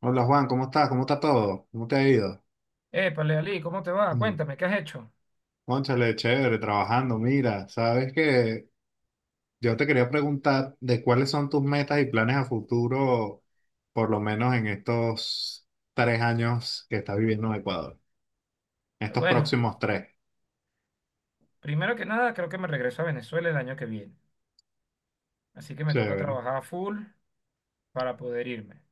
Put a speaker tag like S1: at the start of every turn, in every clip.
S1: Hola Juan, ¿cómo estás? ¿Cómo está todo? ¿Cómo te ha ido?
S2: Épale, Ali, ¿cómo te va?
S1: Mm,
S2: Cuéntame, ¿qué has hecho?
S1: Cónchale, chévere, trabajando. Mira, sabes que yo te quería preguntar de cuáles son tus metas y planes a futuro, por lo menos en estos 3 años que estás viviendo en Ecuador, en estos
S2: Bueno,
S1: próximos tres.
S2: primero que nada, creo que me regreso a Venezuela el año que viene. Así que me toca
S1: Chévere.
S2: trabajar a full para poder irme.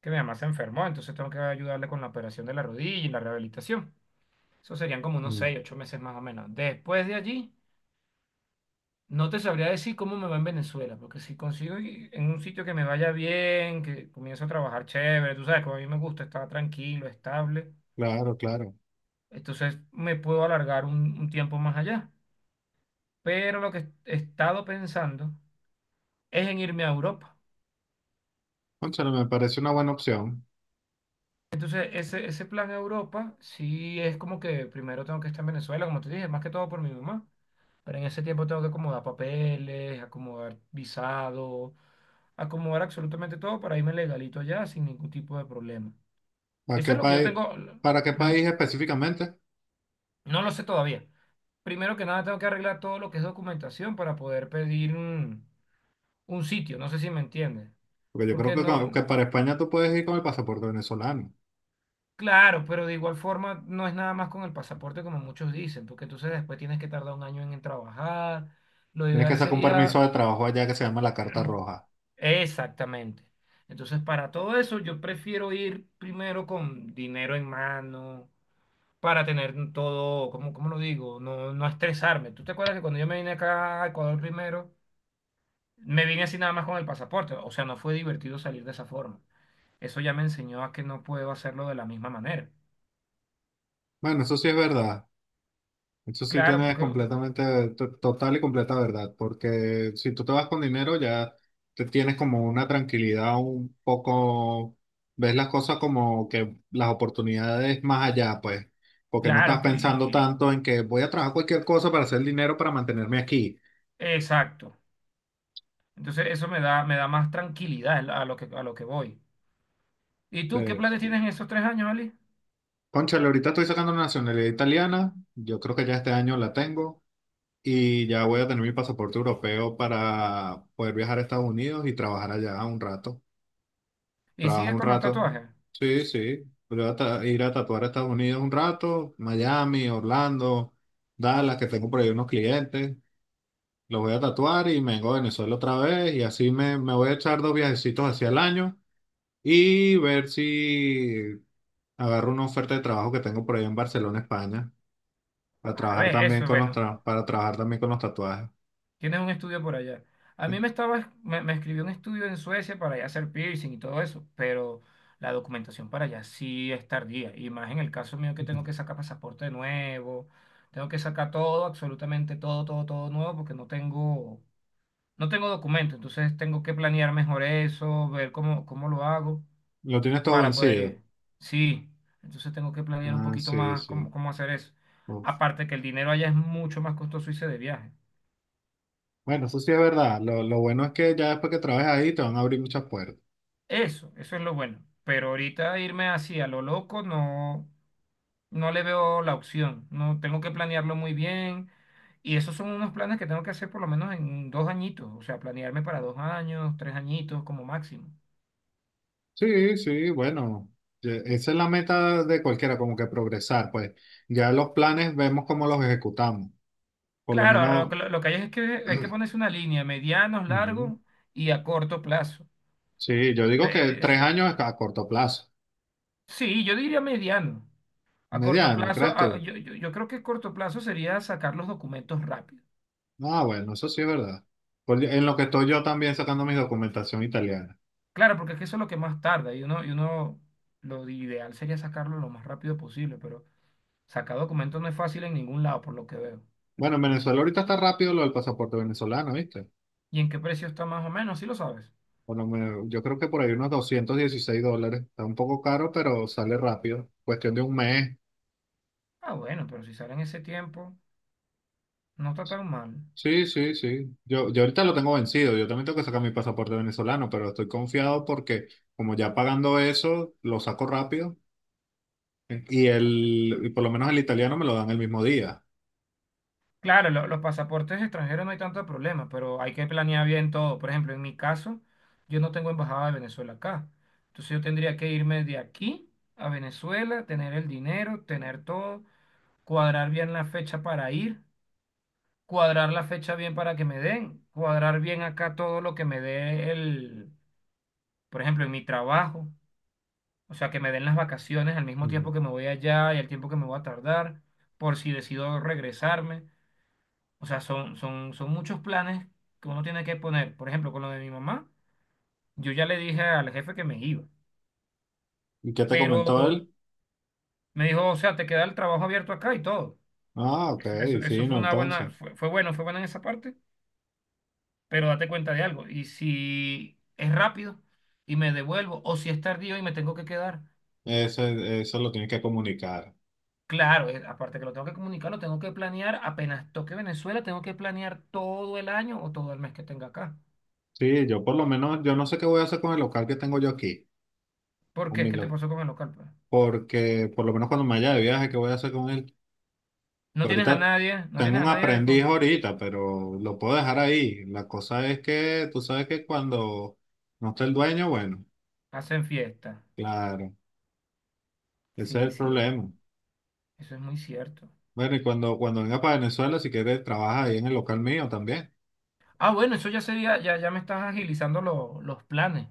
S2: Que mi mamá se enfermó, entonces tengo que ayudarle con la operación de la rodilla y la rehabilitación. Eso serían como unos
S1: Mm.
S2: 6 u 8 meses más o menos. Después de allí, no te sabría decir cómo me va en Venezuela, porque si consigo en un sitio que me vaya bien, que comienzo a trabajar chévere, tú sabes, como a mí me gusta estar tranquilo, estable,
S1: Claro, claro.
S2: entonces me puedo alargar un tiempo más allá. Pero lo que he estado pensando es en irme a Europa.
S1: Cónchale, me parece una buena opción.
S2: Entonces, ese plan a Europa, sí es como que primero tengo que estar en Venezuela, como te dije, más que todo por mi mamá. Pero en ese tiempo tengo que acomodar papeles, acomodar visado, acomodar absolutamente todo para irme legalito allá sin ningún tipo de problema.
S1: ¿Para
S2: Eso
S1: qué
S2: es lo que yo
S1: país,
S2: tengo,
S1: para qué
S2: no,
S1: país específicamente?
S2: no lo sé todavía. Primero que nada, tengo que arreglar todo lo que es documentación para poder pedir un sitio, no sé si me entiendes.
S1: Porque yo creo
S2: Porque
S1: que,
S2: no.
S1: que para España tú puedes ir con el pasaporte venezolano.
S2: Claro, pero de igual forma no es nada más con el pasaporte como muchos dicen, porque entonces después tienes que tardar un año en trabajar. Lo
S1: Tienes que
S2: ideal
S1: sacar un
S2: sería
S1: permiso de trabajo allá que se llama la Carta Roja.
S2: exactamente. Entonces, para todo eso, yo prefiero ir primero con dinero en mano, para tener todo, ¿cómo lo digo? No, no estresarme. ¿Tú te acuerdas que cuando yo me vine acá a Ecuador primero, me vine así nada más con el pasaporte? O sea, no fue divertido salir de esa forma. Eso ya me enseñó a que no puedo hacerlo de la misma manera.
S1: Bueno, eso sí es verdad. Eso sí
S2: Claro,
S1: tienes
S2: porque,
S1: completamente, total y completa verdad, porque si tú te vas con dinero ya te tienes como una tranquilidad un poco, ves las cosas como que las oportunidades más allá, pues, porque no estás
S2: claro,
S1: pensando tanto en que voy a trabajar cualquier cosa para hacer dinero para mantenerme aquí.
S2: exacto. Entonces eso me da más tranquilidad a lo que voy. ¿Y tú qué planes
S1: Entonces,
S2: tienes en esos 3 años, Ali?
S1: cónchale, ahorita estoy sacando la nacionalidad italiana, yo creo que ya este año la tengo y ya voy a tener mi pasaporte europeo para poder viajar a Estados Unidos y trabajar allá un rato.
S2: ¿Y
S1: Trabajo
S2: sigues
S1: un
S2: con los
S1: rato.
S2: tatuajes?
S1: Sí, sí. Voy a ir a tatuar a Estados Unidos un rato, Miami, Orlando, Dallas, que tengo por ahí unos clientes. Los voy a tatuar y me vengo a Venezuela otra vez y así me voy a echar dos viajecitos hacia el año y ver si agarro una oferta de trabajo que tengo por ahí en Barcelona, España, para
S2: A
S1: trabajar
S2: ver,
S1: también
S2: eso es bueno.
S1: con los tatuajes.
S2: Tienes un estudio por allá. A
S1: Pues.
S2: mí me estaba, me, me escribió un estudio en Suecia para ya hacer piercing y todo eso, pero la documentación para allá sí es tardía. Y más en el caso mío que tengo que sacar pasaporte nuevo, tengo que sacar todo, absolutamente todo, todo, todo nuevo, porque no tengo documento. Entonces tengo que planear mejor eso, ver cómo lo hago.
S1: Lo tienes todo
S2: Para poder
S1: vencido.
S2: ir. Sí, entonces tengo que planear un
S1: Ah,
S2: poquito
S1: sí,
S2: más cómo,
S1: sí.
S2: cómo hacer eso.
S1: Ok.
S2: Aparte que el dinero allá es mucho más costoso irse de viaje.
S1: Bueno, eso sí es verdad. Lo bueno es que ya después que trabajes ahí te van a abrir muchas puertas.
S2: Eso es lo bueno. Pero ahorita irme así a lo loco no, no le veo la opción. No, tengo que planearlo muy bien. Y esos son unos planes que tengo que hacer por lo menos en 2 añitos. O sea, planearme para 2 años, 3 añitos como máximo.
S1: Sí, sí, bueno. Esa es la meta de cualquiera, como que progresar. Pues ya los planes vemos cómo los ejecutamos. Por lo
S2: Claro, ahora lo
S1: menos.
S2: que, lo que hay es que hay que ponerse una línea, medianos,
S1: Ujú.
S2: largos y a corto plazo.
S1: Sí, yo digo
S2: Eh,
S1: que
S2: es-
S1: 3 años es a corto plazo.
S2: sí, yo diría mediano. A corto
S1: Mediano,
S2: plazo,
S1: ¿crees tú?
S2: yo creo que corto plazo sería sacar los documentos rápido.
S1: Ah, bueno, eso sí es verdad. En lo que estoy yo también sacando mi documentación italiana.
S2: Claro, porque es que eso es lo que más tarda y uno, lo ideal sería sacarlo lo más rápido posible, pero sacar documentos no es fácil en ningún lado, por lo que veo.
S1: Bueno, en Venezuela ahorita está rápido lo del pasaporte venezolano, ¿viste?
S2: ¿Y en qué precio está más o menos? Sí lo sabes.
S1: Por lo menos, yo creo que por ahí unos $216. Está un poco caro, pero sale rápido. Cuestión de un mes.
S2: Ah, bueno, pero si sale en ese tiempo, no está tan mal.
S1: Sí, sí, sí. Yo ahorita lo tengo vencido. Yo también tengo que sacar mi pasaporte venezolano, pero estoy confiado porque como ya pagando eso, lo saco rápido. Y
S2: Ah, bueno.
S1: el, y por lo menos el italiano me lo dan el mismo día.
S2: Claro, los pasaportes extranjeros no hay tanto problema, pero hay que planear bien todo. Por ejemplo, en mi caso, yo no tengo embajada de Venezuela acá. Entonces yo tendría que irme de aquí a Venezuela, tener el dinero, tener todo, cuadrar bien la fecha para ir, cuadrar la fecha bien para que me den, cuadrar bien acá todo lo que me dé el, por ejemplo, en mi trabajo, o sea, que me den las vacaciones al mismo
S1: Ujú.
S2: tiempo que me voy allá y el tiempo que me voy a tardar, por si decido regresarme. O sea, son muchos planes que uno tiene que poner. Por ejemplo, con lo de mi mamá, yo ya le dije al jefe que me iba,
S1: ¿Y qué te
S2: pero
S1: comentó él?
S2: me dijo, o sea, te queda el trabajo abierto acá y todo.
S1: Ah, ok,
S2: Eso fue
S1: fino,
S2: una
S1: entonces.
S2: buena, fue bueno, fue buena en esa parte, pero date cuenta de algo. Y si es rápido y me devuelvo, o si es tardío y me tengo que quedar,
S1: Eso lo tienes que comunicar.
S2: claro, aparte que lo tengo que comunicar, lo tengo que planear, apenas toque Venezuela, tengo que planear todo el año o todo el mes que tenga acá.
S1: Sí, yo por lo menos, yo no sé qué voy a hacer con el local que tengo yo aquí.
S2: ¿Por qué? ¿Qué te pasó con el local, pues?
S1: Porque por lo menos cuando me vaya de viaje, ¿qué voy a hacer con él?
S2: No
S1: Pero
S2: tienes a
S1: ahorita
S2: nadie, no
S1: tengo
S2: tienes
S1: un
S2: a nadie
S1: aprendiz ahorita, pero lo puedo dejar ahí. La cosa es que tú sabes que cuando no está el dueño, bueno,
S2: Hacen fiesta.
S1: claro, ese es
S2: Sí,
S1: el
S2: sí,
S1: problema.
S2: eso es muy cierto.
S1: Bueno, y cuando venga para Venezuela, si quieres, trabaja ahí en el local mío también.
S2: Ah, bueno, eso ya sería, ya me estás agilizando los planes.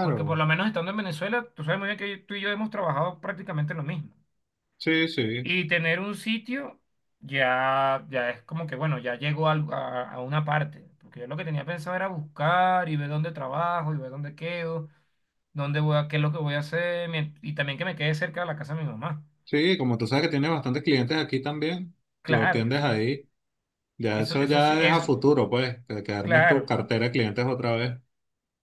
S2: Porque por lo menos estando en Venezuela, tú sabes muy bien que tú y yo hemos trabajado prácticamente lo mismo.
S1: sí, sí.
S2: Y tener un sitio ya es como que, bueno, ya llego a una parte. Porque yo lo que tenía pensado era buscar y ver dónde trabajo y ver dónde quedo, dónde voy a, qué es lo que voy a hacer y también que me quede cerca de la casa de mi mamá.
S1: Sí, como tú sabes que tienes bastantes clientes aquí también, lo
S2: Claro, yo
S1: atiendes
S2: sí.
S1: ahí. Ya
S2: Eso,
S1: eso
S2: eso sí
S1: ya es a
S2: es
S1: futuro, pues, que armes tu
S2: claro.
S1: cartera de clientes otra vez.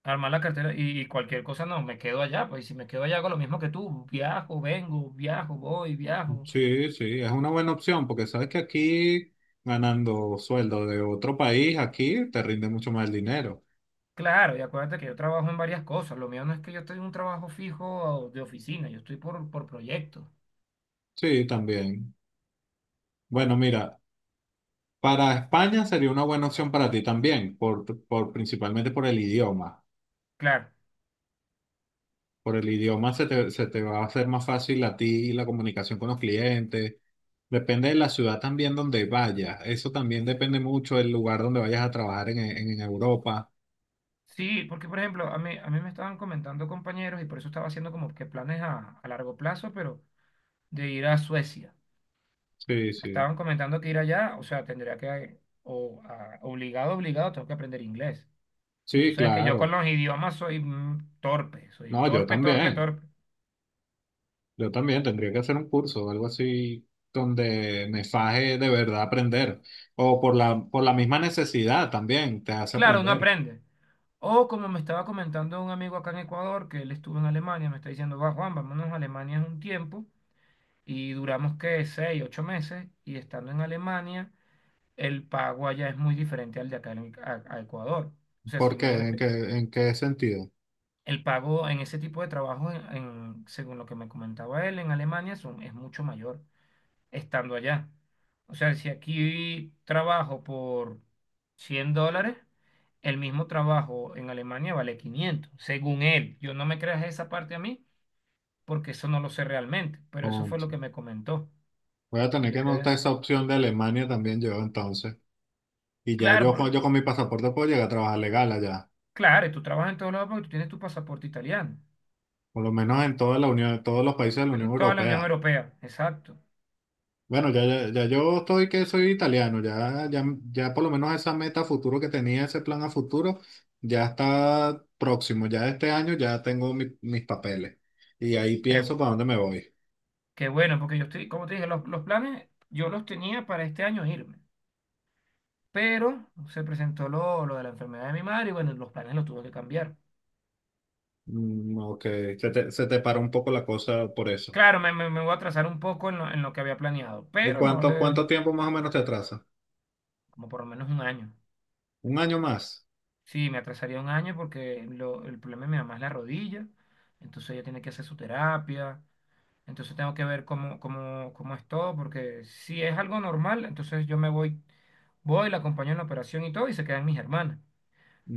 S2: Armar la cartera y cualquier cosa, no, me quedo allá, pues y si me quedo allá hago lo mismo que tú, viajo, vengo, viajo, voy, viajo.
S1: Sí, sí, es una buena opción porque sabes que aquí ganando sueldo de otro país, aquí te rinde mucho más el dinero.
S2: Claro, y acuérdate que yo trabajo en varias cosas, lo mío no es que yo estoy en un trabajo fijo de oficina, yo estoy por proyecto.
S1: Sí, también. Bueno, mira, para España sería una buena opción para ti también, principalmente por el idioma.
S2: Claro,
S1: Por el idioma se te va a hacer más fácil a ti la comunicación con los clientes. Depende de la ciudad también donde vayas. Eso también depende mucho del lugar donde vayas a trabajar en Europa.
S2: sí, porque por ejemplo, a mí me estaban comentando compañeros y por eso estaba haciendo como que planes a largo plazo, pero de ir a Suecia.
S1: Sí,
S2: Me
S1: sí.
S2: estaban comentando que ir allá, o sea, tendría que, obligado, obligado, tengo que aprender inglés. Y tú
S1: Sí,
S2: sabes que yo con
S1: claro.
S2: los idiomas soy torpe, soy
S1: No, yo
S2: torpe, torpe,
S1: también.
S2: torpe.
S1: Yo también tendría que hacer un curso o algo así donde me faje de verdad aprender. O por la misma necesidad también te hace
S2: Claro, uno
S1: aprender.
S2: aprende. O como me estaba comentando un amigo acá en Ecuador, que él estuvo en Alemania, me está diciendo, va Juan, vámonos a Alemania un tiempo. Y duramos que 6, 8 meses. Y estando en Alemania, el pago allá es muy diferente al de acá a Ecuador. O sea, si
S1: ¿Por qué? ¿En qué,
S2: imagínate,
S1: en qué sentido?
S2: el pago en ese tipo de trabajo, según lo que me comentaba él, en Alemania son, es mucho mayor. Estando allá. O sea, si aquí trabajo por $100, el mismo trabajo en Alemania vale 500, según él. Yo no me creas esa parte a mí, porque eso no lo sé realmente, pero eso fue lo
S1: Concho.
S2: que me comentó.
S1: Voy a
S2: Y
S1: tener que
S2: yo quedé,
S1: anotar esa opción de Alemania también yo entonces. Y ya
S2: claro,
S1: yo, con- yo con mi pasaporte puedo llegar a trabajar legal allá.
S2: claro, y tú trabajas en todos lados porque tú tienes tu pasaporte italiano.
S1: Por lo menos en toda la Unión, todos los países de la Unión
S2: En toda la Unión
S1: Europea.
S2: Europea, exacto.
S1: Bueno, ya, ya, ya yo estoy que soy italiano, ya, ya, ya por lo menos esa meta a futuro que tenía, ese plan a futuro, ya está próximo, ya este año ya tengo mis papeles y ahí
S2: Qué
S1: pienso
S2: bueno,
S1: para dónde me voy.
S2: qué bueno, porque yo estoy, como te dije, los planes yo los tenía para este año irme. Pero se presentó lo de la enfermedad de mi madre y bueno, los planes los tuve que cambiar.
S1: Mm, ok, se te paró un poco la cosa por eso.
S2: Claro, me voy a atrasar un poco en lo que había planeado,
S1: ¿Y
S2: pero no
S1: cuánto,
S2: le,
S1: cuánto tiempo más o menos te atrasa?
S2: como por lo menos un año.
S1: ¿Un año más?
S2: Sí, me atrasaría un año porque el problema de mi mamá es la rodilla, entonces ella tiene que hacer su terapia, entonces tengo que ver cómo es todo, porque si es algo normal, entonces yo me voy, voy, la acompaño en la operación y todo y se quedan mis hermanas.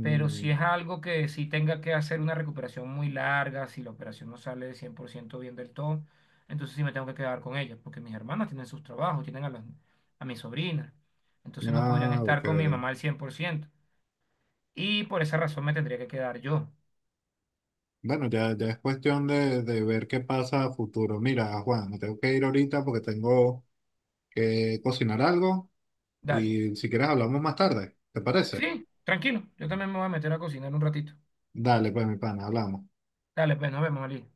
S2: Pero si es algo que sí tenga que hacer una recuperación muy larga, si la operación no sale 100% bien del todo, entonces sí me tengo que quedar con ellos, porque mis hermanas tienen sus trabajos, tienen a mi sobrina. Entonces no podrían
S1: ah,
S2: estar
S1: ok.
S2: con mi mamá al 100%. Y por esa razón me tendría que quedar yo.
S1: Bueno, ya, ya es cuestión de ver qué pasa a futuro. Mira, Juan, me tengo que ir ahorita porque tengo que cocinar algo.
S2: Dale.
S1: Y si quieres hablamos más tarde, ¿te parece?
S2: Sí, tranquilo. Yo también me voy a meter a cocinar un ratito.
S1: Dale, pues mi pana, hablamos.
S2: Dale, pues nos vemos, Ali.